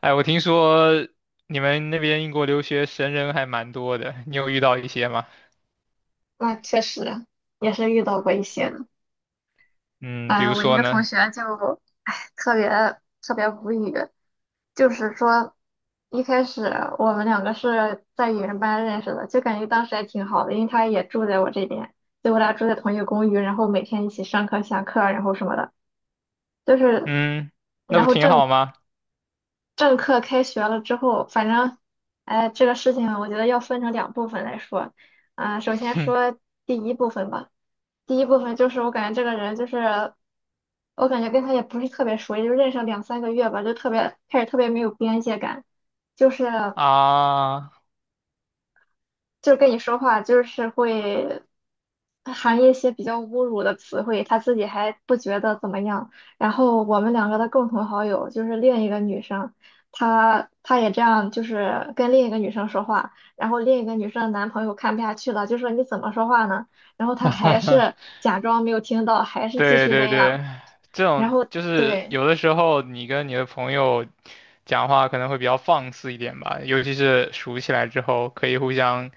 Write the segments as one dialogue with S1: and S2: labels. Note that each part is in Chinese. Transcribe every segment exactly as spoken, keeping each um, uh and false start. S1: 哎，我听说你们那边英国留学神人还蛮多的，你有遇到一些吗？
S2: 那确实也是遇到过一些的。
S1: 嗯，比
S2: 哎，
S1: 如
S2: 我一
S1: 说
S2: 个同
S1: 呢？
S2: 学就，哎，特别特别无语。就是说，一开始我们两个是在语言班认识的，就感觉当时还挺好的，因为他也住在我这边，就我俩住在同一个公寓，然后每天一起上课、下课，然后什么的，就是，
S1: 嗯，那
S2: 然
S1: 不
S2: 后
S1: 挺好
S2: 正
S1: 吗？
S2: 正课开学了之后，反正，哎，这个事情我觉得要分成两部分来说，啊、首先说 第一部分吧。第一部分就是我感觉这个人就是，我感觉跟他也不是特别熟，也就认识了两三个月吧，就特别开始特别没有边界感，就是
S1: 啊，
S2: 就跟你说话就是会含一些比较侮辱的词汇，他自己还不觉得怎么样。然后我们两个的共同好友就是另一个女生，她她也这样，就是跟另一个女生说话，然后另一个女生的男朋友看不下去了，就说你怎么说话呢？然后她还是 假装没有听到，还是继
S1: 对
S2: 续
S1: 对
S2: 那
S1: 对，
S2: 样。
S1: 这种就是
S2: 对，
S1: 有的时候你跟你的朋友讲话可能会比较放肆一点吧，尤其是熟起来之后，可以互相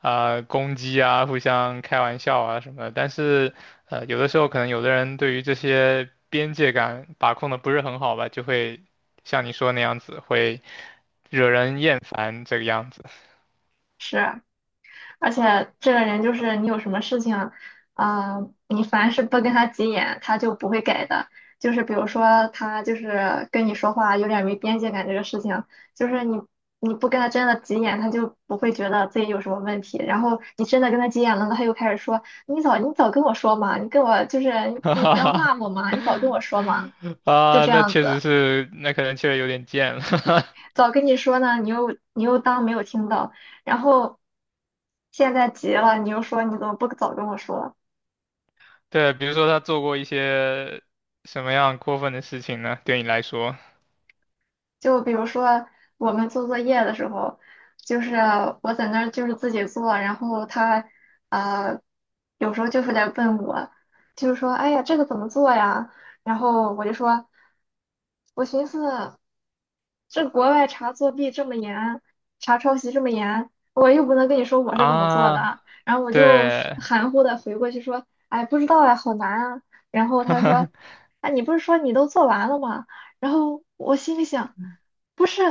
S1: 啊、呃攻击啊，互相开玩笑啊什么的。但是呃，有的时候可能有的人对于这些边界感把控的不是很好吧，就会像你说那样子，会惹人厌烦这个样子。
S2: 是。而且这个人就是你有什么事情，啊、你凡是不跟他急眼，他就不会改的。就是比如说他就是跟你说话有点没边界感这个事情，就是你你不跟他真的急眼，他就不会觉得自己有什么问题。然后你真的跟他急眼了，他又开始说你早你早跟我说嘛，你跟我就是
S1: 哈
S2: 你不
S1: 哈
S2: 要骂
S1: 哈
S2: 我嘛，你早跟我说嘛，就
S1: 啊，
S2: 这
S1: 那
S2: 样
S1: 确实
S2: 子。
S1: 是，那可能确实有点贱了。
S2: 早跟你说呢，你又你又当没有听到，然后现在急了，你又说你怎么不早跟我说？
S1: 对，比如说他做过一些什么样过分的事情呢？对你来说
S2: 就比如说我们做作业的时候，就是我在那儿就是自己做，然后他呃有时候就是来问我，就是说哎呀这个怎么做呀？然后我就说，我寻思。这国外查作弊这么严，查抄袭这么严，我又不能跟你说我是怎么做
S1: 啊，
S2: 的。然后我就是
S1: 对
S2: 含糊的回过去说，哎，不知道哎，好难啊。然后他说，哎，你不是说你都做完了吗？然后我心里想，不是，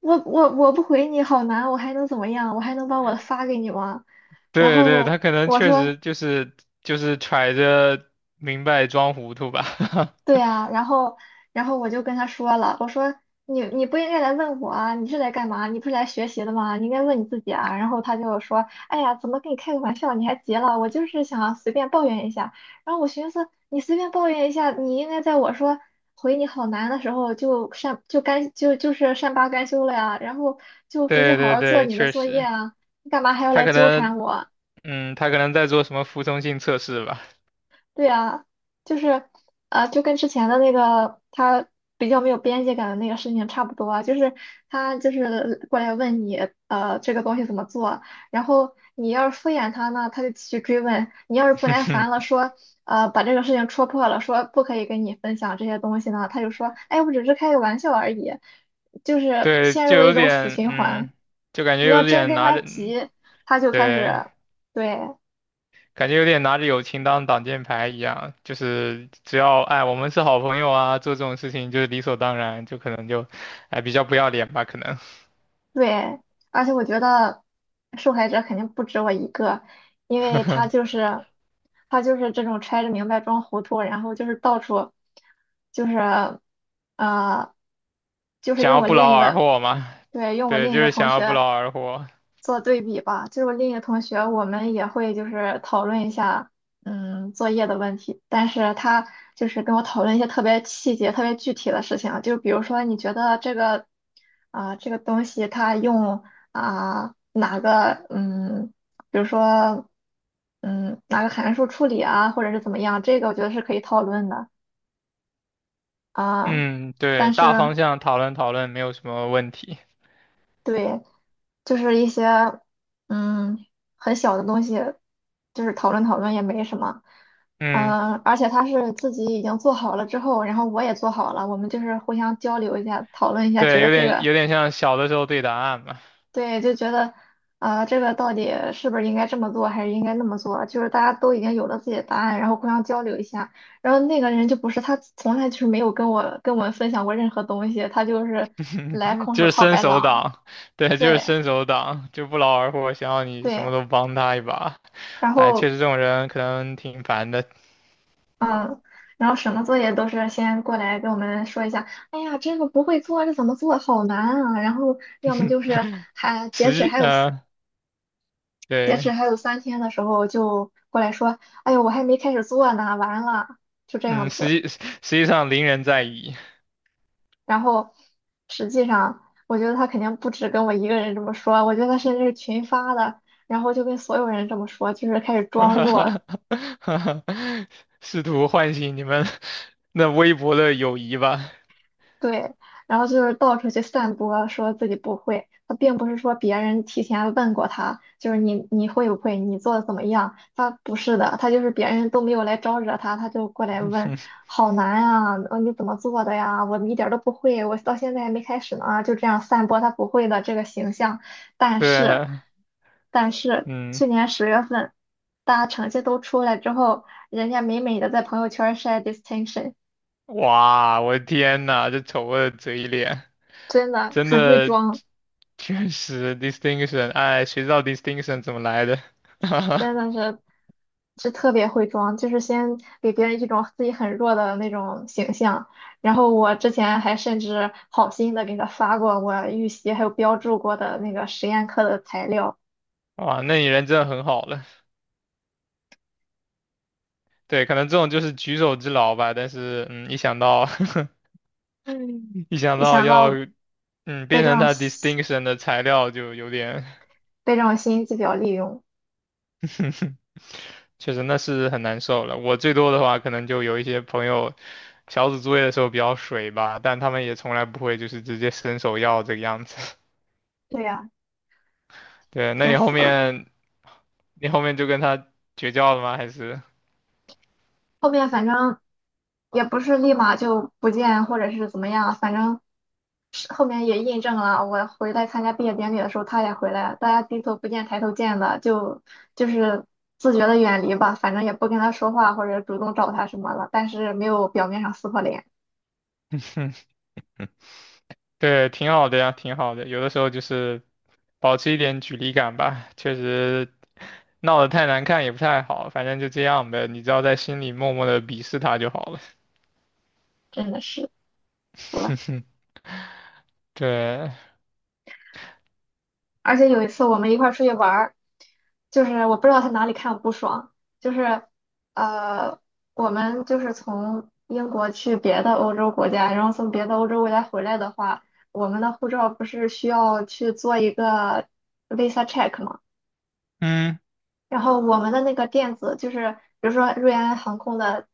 S2: 我我我不回你好难，我还能怎么样？我还能把我的发给你吗？然
S1: 对对，他
S2: 后
S1: 可能
S2: 我
S1: 确
S2: 说。
S1: 实就是就是揣着明白装糊涂吧。
S2: 对啊，然后然后我就跟他说了，我说你你不应该来问我啊，你是来干嘛？你不是来学习的吗？你应该问你自己啊。然后他就说，哎呀，怎么跟你开个玩笑？你还急了？我就是想随便抱怨一下。然后我寻思，你随便抱怨一下，你应该在我说回你好难的时候就善就甘就就是善罢甘休了呀，然后就回去
S1: 对
S2: 好
S1: 对
S2: 好做
S1: 对，
S2: 你的
S1: 确
S2: 作业
S1: 实，
S2: 啊，你干嘛还要
S1: 他
S2: 来
S1: 可
S2: 纠缠
S1: 能
S2: 我？
S1: 嗯，他可能在做什么服从性测试吧。
S2: 对啊，就是啊，就跟之前的那个他比较没有边界感的那个事情差不多啊就是他就是过来问你，呃，这个东西怎么做，然后你要是敷衍他呢，他就继续追问；你要是不耐烦了，说，呃，把这个事情戳破了，说不可以跟你分享这些东西呢，他就说，哎，我只是开个玩笑而已，就是
S1: 对，
S2: 陷
S1: 就
S2: 入了一
S1: 有
S2: 种死
S1: 点
S2: 循环。
S1: 嗯，就感觉
S2: 你要
S1: 有
S2: 真
S1: 点
S2: 跟
S1: 拿
S2: 他
S1: 着嗯
S2: 急，他就开
S1: 对。
S2: 始，对。
S1: 感觉有点拿着友情当挡箭牌一样，就是只要哎我们是好朋友啊，做这种事情就是理所当然，就可能就哎比较不要脸吧，可能
S2: 对，而且我觉得受害者肯定不止我一个，因为他就 是他就是这种揣着明白装糊涂，然后就是到处就是呃，就是
S1: 想
S2: 用
S1: 要
S2: 我
S1: 不
S2: 另
S1: 劳
S2: 一
S1: 而
S2: 个
S1: 获嘛，
S2: 对，用我
S1: 对，
S2: 另一
S1: 就
S2: 个
S1: 是
S2: 同
S1: 想要不
S2: 学。
S1: 劳而获。
S2: 做对比吧，就是我另一个同学，我们也会就是讨论一下，嗯，作业的问题，但是他就是跟我讨论一些特别细节、特别具体的事情，就比如说你觉得这个，啊、这个东西它用啊、哪个，嗯，比如说，嗯，哪个函数处理啊，或者是怎么样，这个我觉得是可以讨论的啊、
S1: 嗯，对，
S2: 但
S1: 大
S2: 是。
S1: 方向讨论讨论没有什么问题。
S2: 对，就是一些嗯很小的东西，就是讨论讨论也没什么。
S1: 嗯，
S2: 嗯，而且他是自己已经做好了之后，然后我也做好了，我们就是互相交流一下，讨论一下，觉
S1: 对，
S2: 得
S1: 有
S2: 这
S1: 点
S2: 个
S1: 有点像小的时候对答案嘛，
S2: 对，就觉得啊、这个到底是不是应该这么做，还是应该那么做？就是大家都已经有了自己的答案，然后互相交流一下。然后那个人就不是他，从来就是没有跟我跟我们分享过任何东西，他就是来 空
S1: 就
S2: 手
S1: 是
S2: 套
S1: 伸
S2: 白
S1: 手
S2: 狼。
S1: 党，对，就是
S2: 对
S1: 伸手党，就不劳而获，想要你什
S2: 对，
S1: 么都帮他一把。
S2: 然
S1: 哎，
S2: 后。
S1: 确实这种人可能挺烦的。
S2: 然后什么作业都是先过来跟我们说一下，哎呀，这个不会做，这怎么做，好难啊！然后要么就是还截止
S1: 实
S2: 还有四
S1: 呃
S2: 截止
S1: 对，
S2: 还有三天的时候就过来说，哎呦，我还没开始做呢，完了，就这样
S1: 嗯，实
S2: 子。
S1: 际实际上邻人在矣，
S2: 然后实际上，我觉得他肯定不止跟我一个人这么说，我觉得他甚至是群发的，然后就跟所有人这么说，就是开始装弱，
S1: 试图唤醒你们那微薄的友谊吧。
S2: 对，然后就是到处去散播，说自己不会。他并不是说别人提前问过他，就是你你会不会，你做的怎么样？他不是的，他就是别人都没有来招惹他，他就过来问，好难啊，呃你怎么做的呀？我一点儿都不会，我到现在还没开始呢啊，就这样散播他不会的这个形象。但是，
S1: 对，
S2: 但是
S1: 嗯，
S2: 去年十月份，大家成绩都出来之后，人家美美的在朋友圈晒 distinction，
S1: 哇，我的天呐，这丑恶的嘴脸，
S2: 真的
S1: 真
S2: 很会
S1: 的
S2: 装。
S1: 确实 distinction，哎，谁知道 distinction 怎么来的？
S2: 真的是是特别会装，就是先给别人一种自己很弱的那种形象。然后我之前还甚至好心的给他发过我预习还有标注过的那个实验课的材料，
S1: 哇，那你人真的很好了。对，可能这种就是举手之劳吧，但是嗯，一想到 一想
S2: 一
S1: 到
S2: 想
S1: 要
S2: 到
S1: 嗯，变
S2: 被这
S1: 成
S2: 种
S1: 他
S2: 心
S1: distinction 的材料就有点
S2: 被这种心机婊利用，
S1: 确实那是很难受了。我最多的话，可能就有一些朋友小组作业的时候比较水吧，但他们也从来不会就是直接伸手要这个样子。
S2: 对呀，
S1: 对，那
S2: 真
S1: 你后
S2: 服了。
S1: 面你后面就跟他绝交了吗？还是？
S2: 后面反正也不是立马就不见或者是怎么样，反正是后面也印证了，我回来参加毕业典礼的时候，他也回来了，大家低头不见抬头见的，就就是自觉的远离吧，反正也不跟他说话或者主动找他什么了，但是没有表面上撕破脸，
S1: 对，挺好的呀，挺好的。有的时候就是保持一点距离感吧，确实闹得太难看也不太好，反正就这样呗。你只要在心里默默的鄙视他就好了。
S2: 真的是服
S1: 嗯
S2: 了。
S1: 哼，对，
S2: 而且有一次我们一块儿出去玩儿，就是我不知道他哪里看我不爽，就是呃，我们就是从英国去别的欧洲国家，然后从别的欧洲国家回来的话，我们的护照不是需要去做一个 visa check 吗？
S1: 嗯，
S2: 然后我们的那个电子就是，比如说瑞安航空的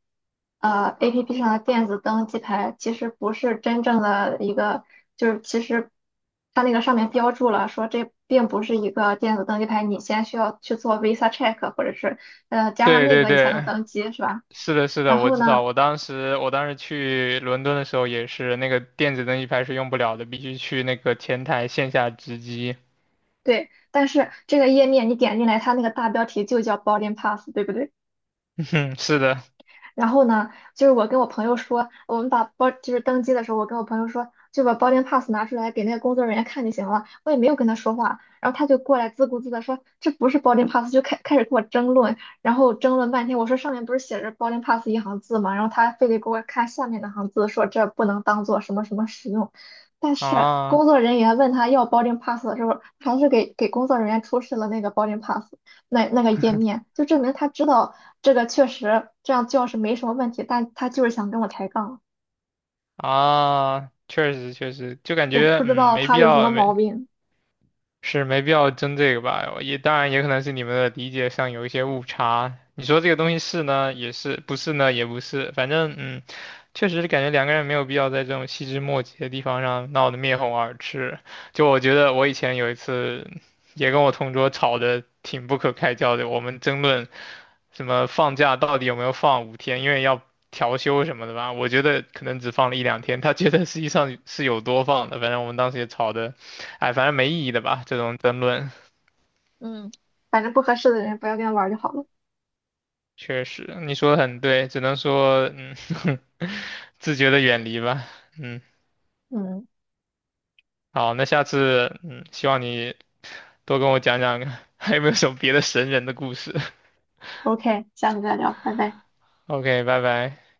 S2: 呃 A P P 上的电子登机牌，其实不是真正的一个，就是其实它那个上面标注了说这并不是一个电子登机牌，你先需要去做 Visa check 或者是呃加上
S1: 对
S2: 那
S1: 对
S2: 个你才能
S1: 对，
S2: 登机，是吧？
S1: 是的，是的，
S2: 然
S1: 我
S2: 后
S1: 知道。
S2: 呢，
S1: 我当时，我当时去伦敦的时候也是，那个电子登机牌是用不了的，必须去那个前台线下值机。
S2: 对，但是这个页面你点进来，它那个大标题就叫 boarding pass，对不对？
S1: 嗯哼，是的，
S2: 然后呢，就是我跟我朋友说，我们把包就是登机的时候，我跟我朋友说，就把 boarding pass 拿出来给那个工作人员看就行了。我也没有跟他说话，然后他就过来自顾自的说这不是 boarding pass，就开开始跟我争论，然后争论半天。我说上面不是写着 boarding pass 一行字吗？然后他非得给我看下面那行字，说这不能当做什么什么使用。但是
S1: 啊
S2: 工作人员问他要 boarding pass 的时候，还是给给工作人员出示了那个 boarding pass。那那个页面，就证明他知道这个确实这样叫是没什么问题，但他就是想跟我抬杠，
S1: 啊，确实确实，就感
S2: 我
S1: 觉
S2: 不知
S1: 嗯
S2: 道
S1: 没必
S2: 他有什么
S1: 要
S2: 毛
S1: 没
S2: 病，
S1: 是没必要争这个吧？也当然也可能是你们的理解上有一些误差。你说这个东西是呢，也是；不是呢，也不是。反正嗯，确实是感觉两个人没有必要在这种细枝末节的地方上闹得面红耳赤。就我觉得我以前有一次也跟我同桌吵得挺不可开交的，我们争论什么放假到底有没有放五天，因为要调休什么的吧。我觉得可能只放了一两天，他觉得实际上是有多放的。反正我们当时也吵得。哎，反正没意义的吧，这种争论，
S2: 嗯，反正不合适的人不要跟他玩儿就好了，
S1: 确实，你说的很对，只能说，嗯，自觉的远离吧，嗯，
S2: 嗯
S1: 好，那下次，嗯，希望你多跟我讲讲 还有没有什么别的神人的故事
S2: ，OK，下次再聊，拜拜。
S1: ？O K，拜拜。